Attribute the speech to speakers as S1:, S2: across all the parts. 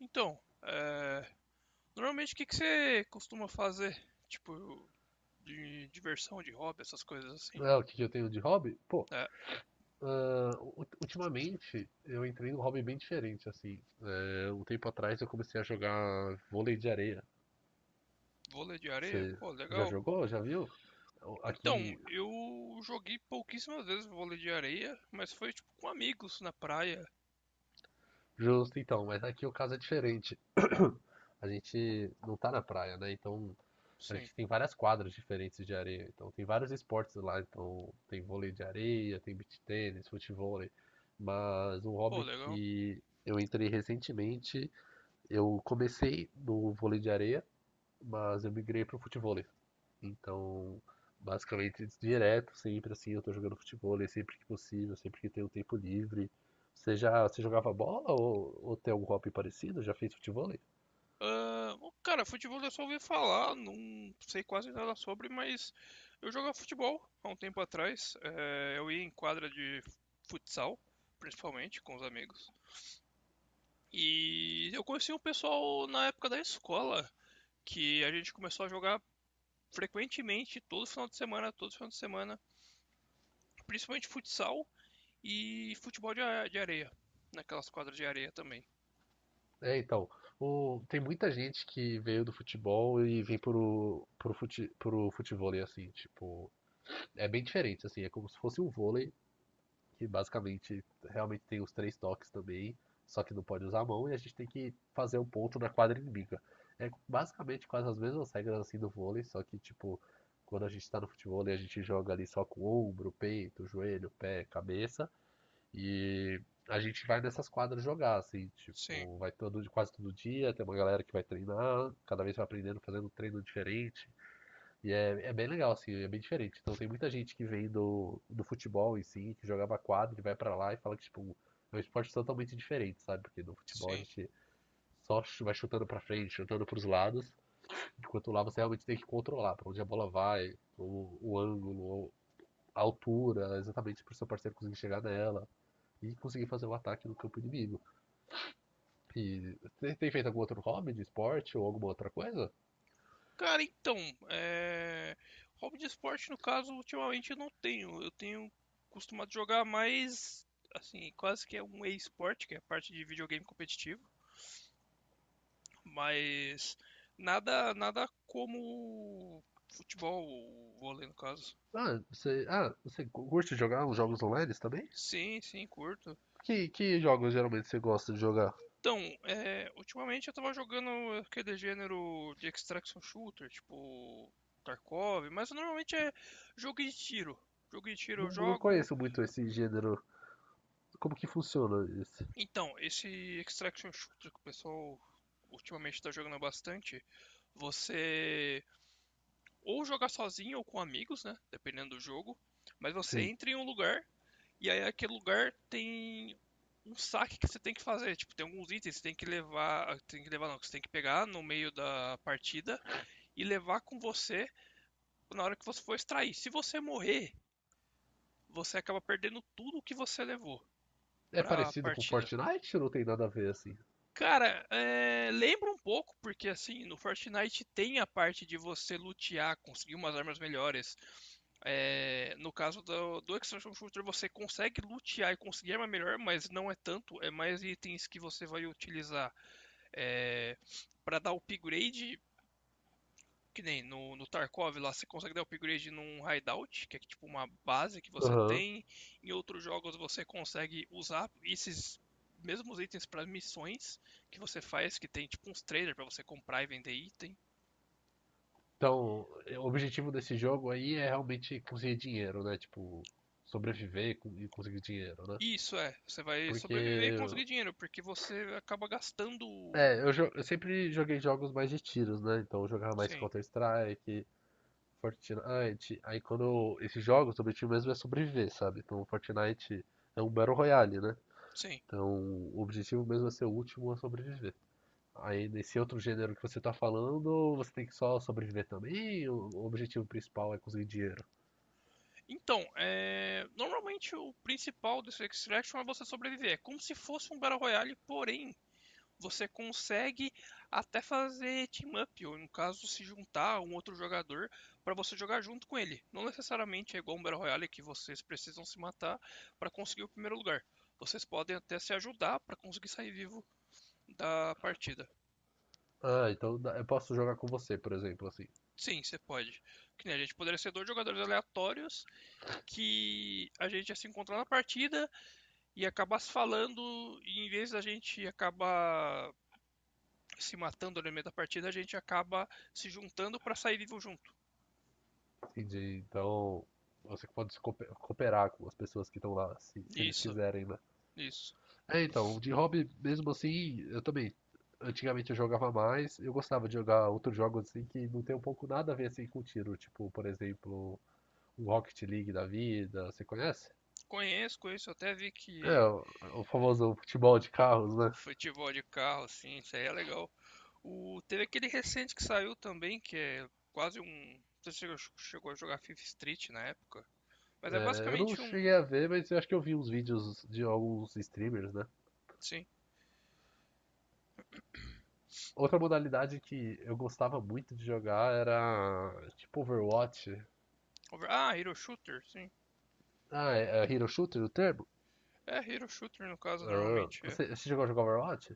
S1: Então, é, normalmente o que que você costuma fazer? Tipo, de diversão, de hobby, essas coisas assim.
S2: É, o que eu tenho de hobby? Pô,
S1: É,
S2: ultimamente eu entrei num hobby bem diferente, assim. É, um tempo atrás eu comecei a jogar vôlei de areia.
S1: vôlei de areia,
S2: Você
S1: pô,
S2: já
S1: legal.
S2: jogou? Já viu? Então,
S1: Então,
S2: aqui,
S1: eu joguei pouquíssimas vezes vôlei de areia, mas foi tipo com amigos na praia.
S2: justo então, mas aqui o caso é diferente. A gente não tá na praia, né? Então a
S1: Sim,
S2: gente tem várias quadras diferentes de areia. Então tem vários esportes lá. Então tem vôlei de areia, tem beach tênis, futevôlei. Mas um
S1: pô,
S2: hobby
S1: legal.
S2: que eu entrei recentemente. Eu comecei no vôlei de areia, mas eu migrei para o futevôlei. Então, basicamente, direto, sempre assim, eu tô jogando futevôlei sempre que possível, sempre que tenho tempo livre. Você jogava bola ou tem algum hobby parecido? Já fez futevôlei?
S1: Ah, o cara, futebol eu só ouvi falar, não sei quase nada sobre, mas eu jogava futebol há um tempo atrás. É, eu ia em quadra de futsal, principalmente com os amigos. E eu conheci um pessoal na época da escola, que a gente começou a jogar frequentemente, todo final de semana, todo final de semana, principalmente futsal e futebol de areia, naquelas quadras de areia também.
S2: É, então, tem muita gente que veio do futebol e vem pro futevôlei, assim, tipo, é bem diferente, assim, é como se fosse um vôlei, que basicamente realmente tem os três toques também, só que não pode usar a mão e a gente tem que fazer um ponto na quadra inimiga. É basicamente quase as mesmas regras assim do vôlei, só que tipo, quando a gente tá no futebol a gente joga ali só com o ombro, peito, joelho, pé, cabeça e a gente vai nessas quadras jogar, assim,
S1: Sim,
S2: tipo, vai todo, quase todo dia, tem uma galera que vai treinar, cada vez vai aprendendo, fazendo um treino diferente. E é, é bem legal, assim, é bem diferente. Então tem muita gente que vem do futebol em si, que jogava quadra e vai pra lá e fala que, tipo, é um esporte totalmente diferente, sabe? Porque no futebol a
S1: sim.
S2: gente vai chutando pra frente, chutando pros lados, enquanto lá você realmente tem que controlar pra onde a bola vai, o ângulo, a altura, exatamente pro seu parceiro conseguir chegar nela e conseguir fazer o ataque no campo inimigo. E você tem feito algum outro hobby de esporte ou alguma outra coisa?
S1: Cara, então, é... hobby de esporte, no caso, ultimamente eu não tenho. Eu tenho costumado jogar mais, assim, quase que é um e-esporte, que é a parte de videogame competitivo. Mas nada, nada como futebol, vôlei no caso.
S2: Ah, você curte jogar uns jogos online também?
S1: Sim, sim, curto.
S2: Que jogos geralmente você gosta de jogar?
S1: Então, é, ultimamente eu tava jogando aquele gênero de extraction shooter, tipo Tarkov, mas normalmente é jogo de tiro. Jogo de tiro
S2: Não,
S1: eu
S2: não
S1: jogo.
S2: conheço muito esse gênero. Como que funciona esse?
S1: Então, esse extraction shooter que o pessoal ultimamente tá jogando bastante, você ou jogar sozinho ou com amigos, né? Dependendo do jogo. Mas você
S2: Sim.
S1: entra em um lugar e aí aquele lugar tem um saque que você tem que fazer. Tipo, tem alguns itens que você tem que levar. Tem que levar não, que você tem que pegar no meio da partida e levar com você na hora que você for extrair. Se você morrer, você acaba perdendo tudo o que você levou
S2: É
S1: pra
S2: parecido com
S1: partida.
S2: Fortnite ou não tem nada a ver assim?
S1: Cara, lembra um pouco, porque assim, no Fortnite tem a parte de você lutear, conseguir umas armas melhores. No caso do Extraction Shooter, você consegue lutear e conseguir arma melhor, mas não é tanto, é mais itens que você vai utilizar, é, para dar upgrade, que nem no Tarkov lá, você consegue dar upgrade num hideout, que é tipo uma base que você
S2: Aham.
S1: tem. Em outros jogos você consegue usar esses mesmos itens para missões que você faz, que tem tipo uns traders para você comprar e vender item.
S2: Então, é, o objetivo desse jogo aí é realmente conseguir dinheiro, né? Tipo, sobreviver e e conseguir dinheiro, né?
S1: E isso é, você vai sobreviver e
S2: Porque,
S1: conseguir dinheiro, porque você acaba gastando.
S2: é, eu, eu sempre joguei jogos mais de tiros, né? Então eu jogava mais
S1: Sim,
S2: Counter-Strike, Fortnite. Aí quando esses jogos, o objetivo mesmo é sobreviver, sabe? Então Fortnite é um Battle Royale, né?
S1: sim.
S2: Então, o objetivo mesmo é ser o último a sobreviver. Aí, nesse outro gênero que você tá falando, você tem que só sobreviver também? Ou o objetivo principal é conseguir dinheiro.
S1: Então, normalmente o principal desse Extraction é você sobreviver. É como se fosse um Battle Royale, porém você consegue até fazer team up, ou no caso, se juntar a um outro jogador para você jogar junto com ele. Não necessariamente é igual um Battle Royale que vocês precisam se matar para conseguir o primeiro lugar. Vocês podem até se ajudar para conseguir sair vivo da partida.
S2: Ah, então eu posso jogar com você, por exemplo, assim.
S1: Sim, você pode. Que nem a gente poderia ser dois jogadores aleatórios que a gente ia se encontrar na partida e acabar se falando, e em vez da gente acabar se matando no meio da partida, a gente acaba se juntando para sair vivo junto.
S2: Entendi. Então, você pode se cooperar com as pessoas que estão lá, se eles
S1: Isso,
S2: quiserem, né?
S1: isso.
S2: É, então, de hobby, mesmo assim, eu também. Antigamente eu jogava mais, eu gostava de jogar outros jogos assim que não tem um pouco nada a ver assim com tiro, tipo, por exemplo, um Rocket League da vida, você conhece?
S1: Conheço, conheço. Eu Até vi
S2: É,
S1: que
S2: o famoso futebol de carros, né?
S1: futebol de carro, assim, isso aí é legal. O, teve aquele recente que saiu também, que é quase um. Você chegou a jogar Fifth Street na época? Mas é
S2: É, eu não
S1: basicamente
S2: cheguei a
S1: um.
S2: ver, mas eu acho que eu vi uns vídeos de alguns streamers, né?
S1: Sim.
S2: Outra modalidade que eu gostava muito de jogar era tipo Overwatch.
S1: Ah, Hero Shooter, sim.
S2: Ah, é, é Hero Shooter o termo?
S1: É, Hero Shooter no caso,
S2: Ah,
S1: normalmente é.
S2: você, você chegou a jogar Overwatch?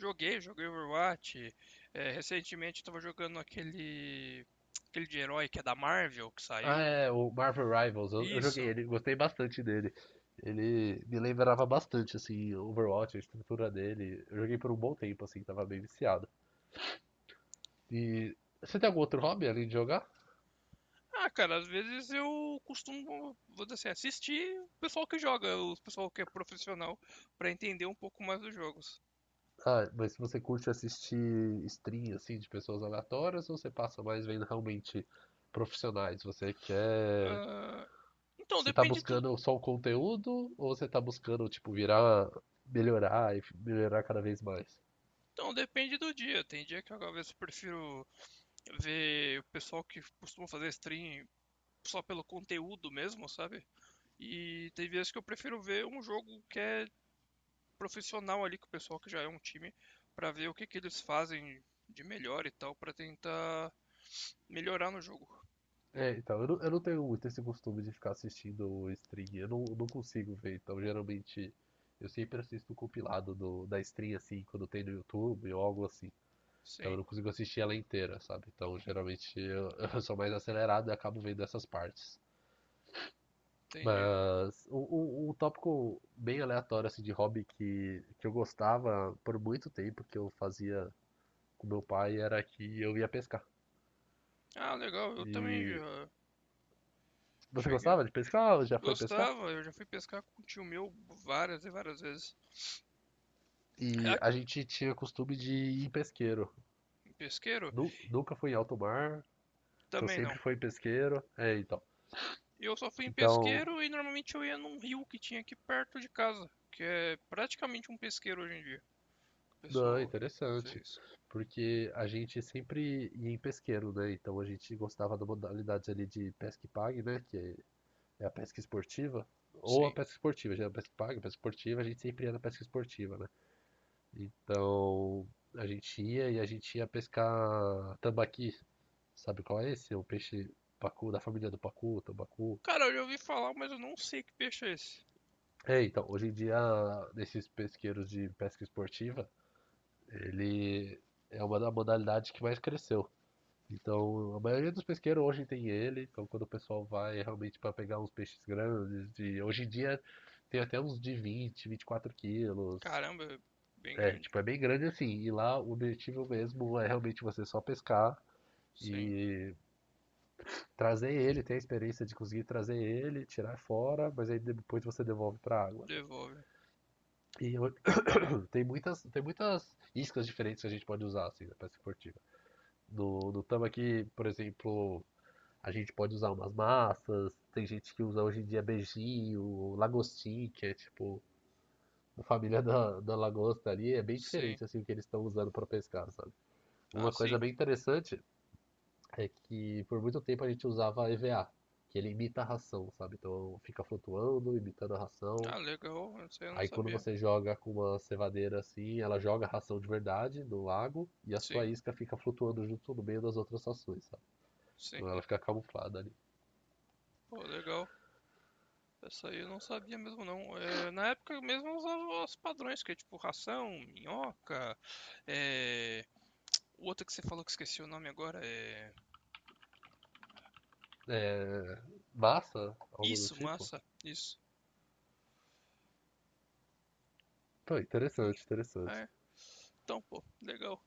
S1: Joguei, joguei Overwatch. É, recentemente eu tava jogando aquele. Aquele de herói que é da Marvel, que
S2: Ah,
S1: saiu.
S2: é, o Marvel Rivals. Eu joguei
S1: Isso.
S2: ele, gostei bastante dele. Ele me lembrava bastante, assim, Overwatch, a estrutura dele. Eu joguei por um bom tempo, assim, tava bem viciado. E você tem algum outro hobby além de jogar?
S1: Ah, cara, às vezes eu costumo, vou dizer assim, assistir o pessoal que joga, o pessoal que é profissional, pra entender um pouco mais dos jogos.
S2: Ah, mas você curte assistir stream assim de pessoas aleatórias ou você passa mais vendo realmente profissionais? Você quer.
S1: Ah, então,
S2: Você tá
S1: depende do,
S2: buscando só o conteúdo ou você tá buscando, tipo, virar, melhorar e melhorar cada vez mais?
S1: então, depende do dia. Tem dia que eu, às vezes eu prefiro ver o pessoal que costuma fazer stream só pelo conteúdo mesmo, sabe? E tem vezes que eu prefiro ver um jogo que é profissional ali, com o pessoal que já é um time, pra ver o que que eles fazem de melhor e tal, pra tentar melhorar no jogo.
S2: É, então, eu não tenho muito esse costume de ficar assistindo stream, eu não, não consigo ver, então geralmente eu sempre assisto o compilado da stream assim, quando tem no YouTube ou algo assim. Então eu
S1: Sim.
S2: não consigo assistir ela inteira, sabe? Então geralmente eu sou mais acelerado e acabo vendo essas partes.
S1: Entendi.
S2: Mas um tópico bem aleatório assim, de hobby que eu gostava por muito tempo, que eu fazia com meu pai, era que eu ia pescar.
S1: Ah, legal. Eu também
S2: E
S1: já
S2: você
S1: cheguei a...
S2: gostava de pescar ou já foi pescar?
S1: gostava, eu já fui pescar com um tio meu várias e várias vezes.
S2: E
S1: Ah,
S2: a gente tinha costume de ir em pesqueiro.
S1: em pesqueiro?
S2: Nunca fui em alto mar, então
S1: Também
S2: sempre
S1: não.
S2: foi em pesqueiro. É, então.
S1: Eu só fui em
S2: Então,
S1: pesqueiro e normalmente eu ia num rio que tinha aqui perto de casa, que é praticamente um pesqueiro hoje em dia. O
S2: não,
S1: pessoal
S2: interessante.
S1: fez.
S2: Porque a gente sempre ia em pesqueiro, né? Então a gente gostava da modalidade ali de pesca e pague, né? Que é a pesca esportiva. Ou a
S1: Sim.
S2: pesca esportiva, já é a pesca e pague, a pesca esportiva, a gente sempre ia na pesca esportiva, né? Então a gente ia e a gente ia pescar tambaqui. Sabe qual é esse? O peixe pacu, da família do pacu, tambacu.
S1: Cara, eu já ouvi falar, mas eu não sei que peixe é esse.
S2: É, então, hoje em dia, nesses pesqueiros de pesca esportiva, ele é uma da modalidade que mais cresceu. Então, a maioria dos pesqueiros hoje tem ele, então quando o pessoal vai é realmente para pegar uns peixes grandes, de... hoje em dia tem até uns de 20, 24 quilos.
S1: Caramba, é bem
S2: É,
S1: grande.
S2: tipo, é bem grande assim. E lá o objetivo mesmo é realmente você só pescar
S1: Sim.
S2: e trazer ele, ter a experiência de conseguir trazer ele, tirar fora, mas aí depois você devolve para água.
S1: Devolve.
S2: E eu- tem muitas iscas diferentes que a gente pode usar assim na pesca esportiva. No tambaqui, por exemplo, a gente pode usar umas massas, tem gente que usa hoje em dia beijinho, lagostim, que é tipo a família da lagosta ali, é bem
S1: Sim.
S2: diferente assim o que eles estão usando para pescar, sabe?
S1: Ah,
S2: Uma coisa
S1: sim.
S2: bem interessante é que por muito tempo a gente usava EVA, que ele imita a ração, sabe? Então fica flutuando, imitando a ração.
S1: Ah, legal. Isso aí eu não
S2: Aí quando
S1: sabia.
S2: você joga com uma cevadeira assim, ela joga a ração de verdade no lago e a sua
S1: Sim.
S2: isca fica flutuando junto no meio das outras rações, sabe?
S1: Sim.
S2: Então ela fica camuflada ali.
S1: Pô, legal. Essa aí eu não sabia mesmo não. É, na época mesmo eu usava os padrões, que é tipo ração, minhoca, é, o outro que você falou que esqueci o nome agora é...
S2: É, massa, algo do
S1: Isso,
S2: tipo.
S1: massa, isso.
S2: Pô, interessante, interessante.
S1: É, então, pô, legal.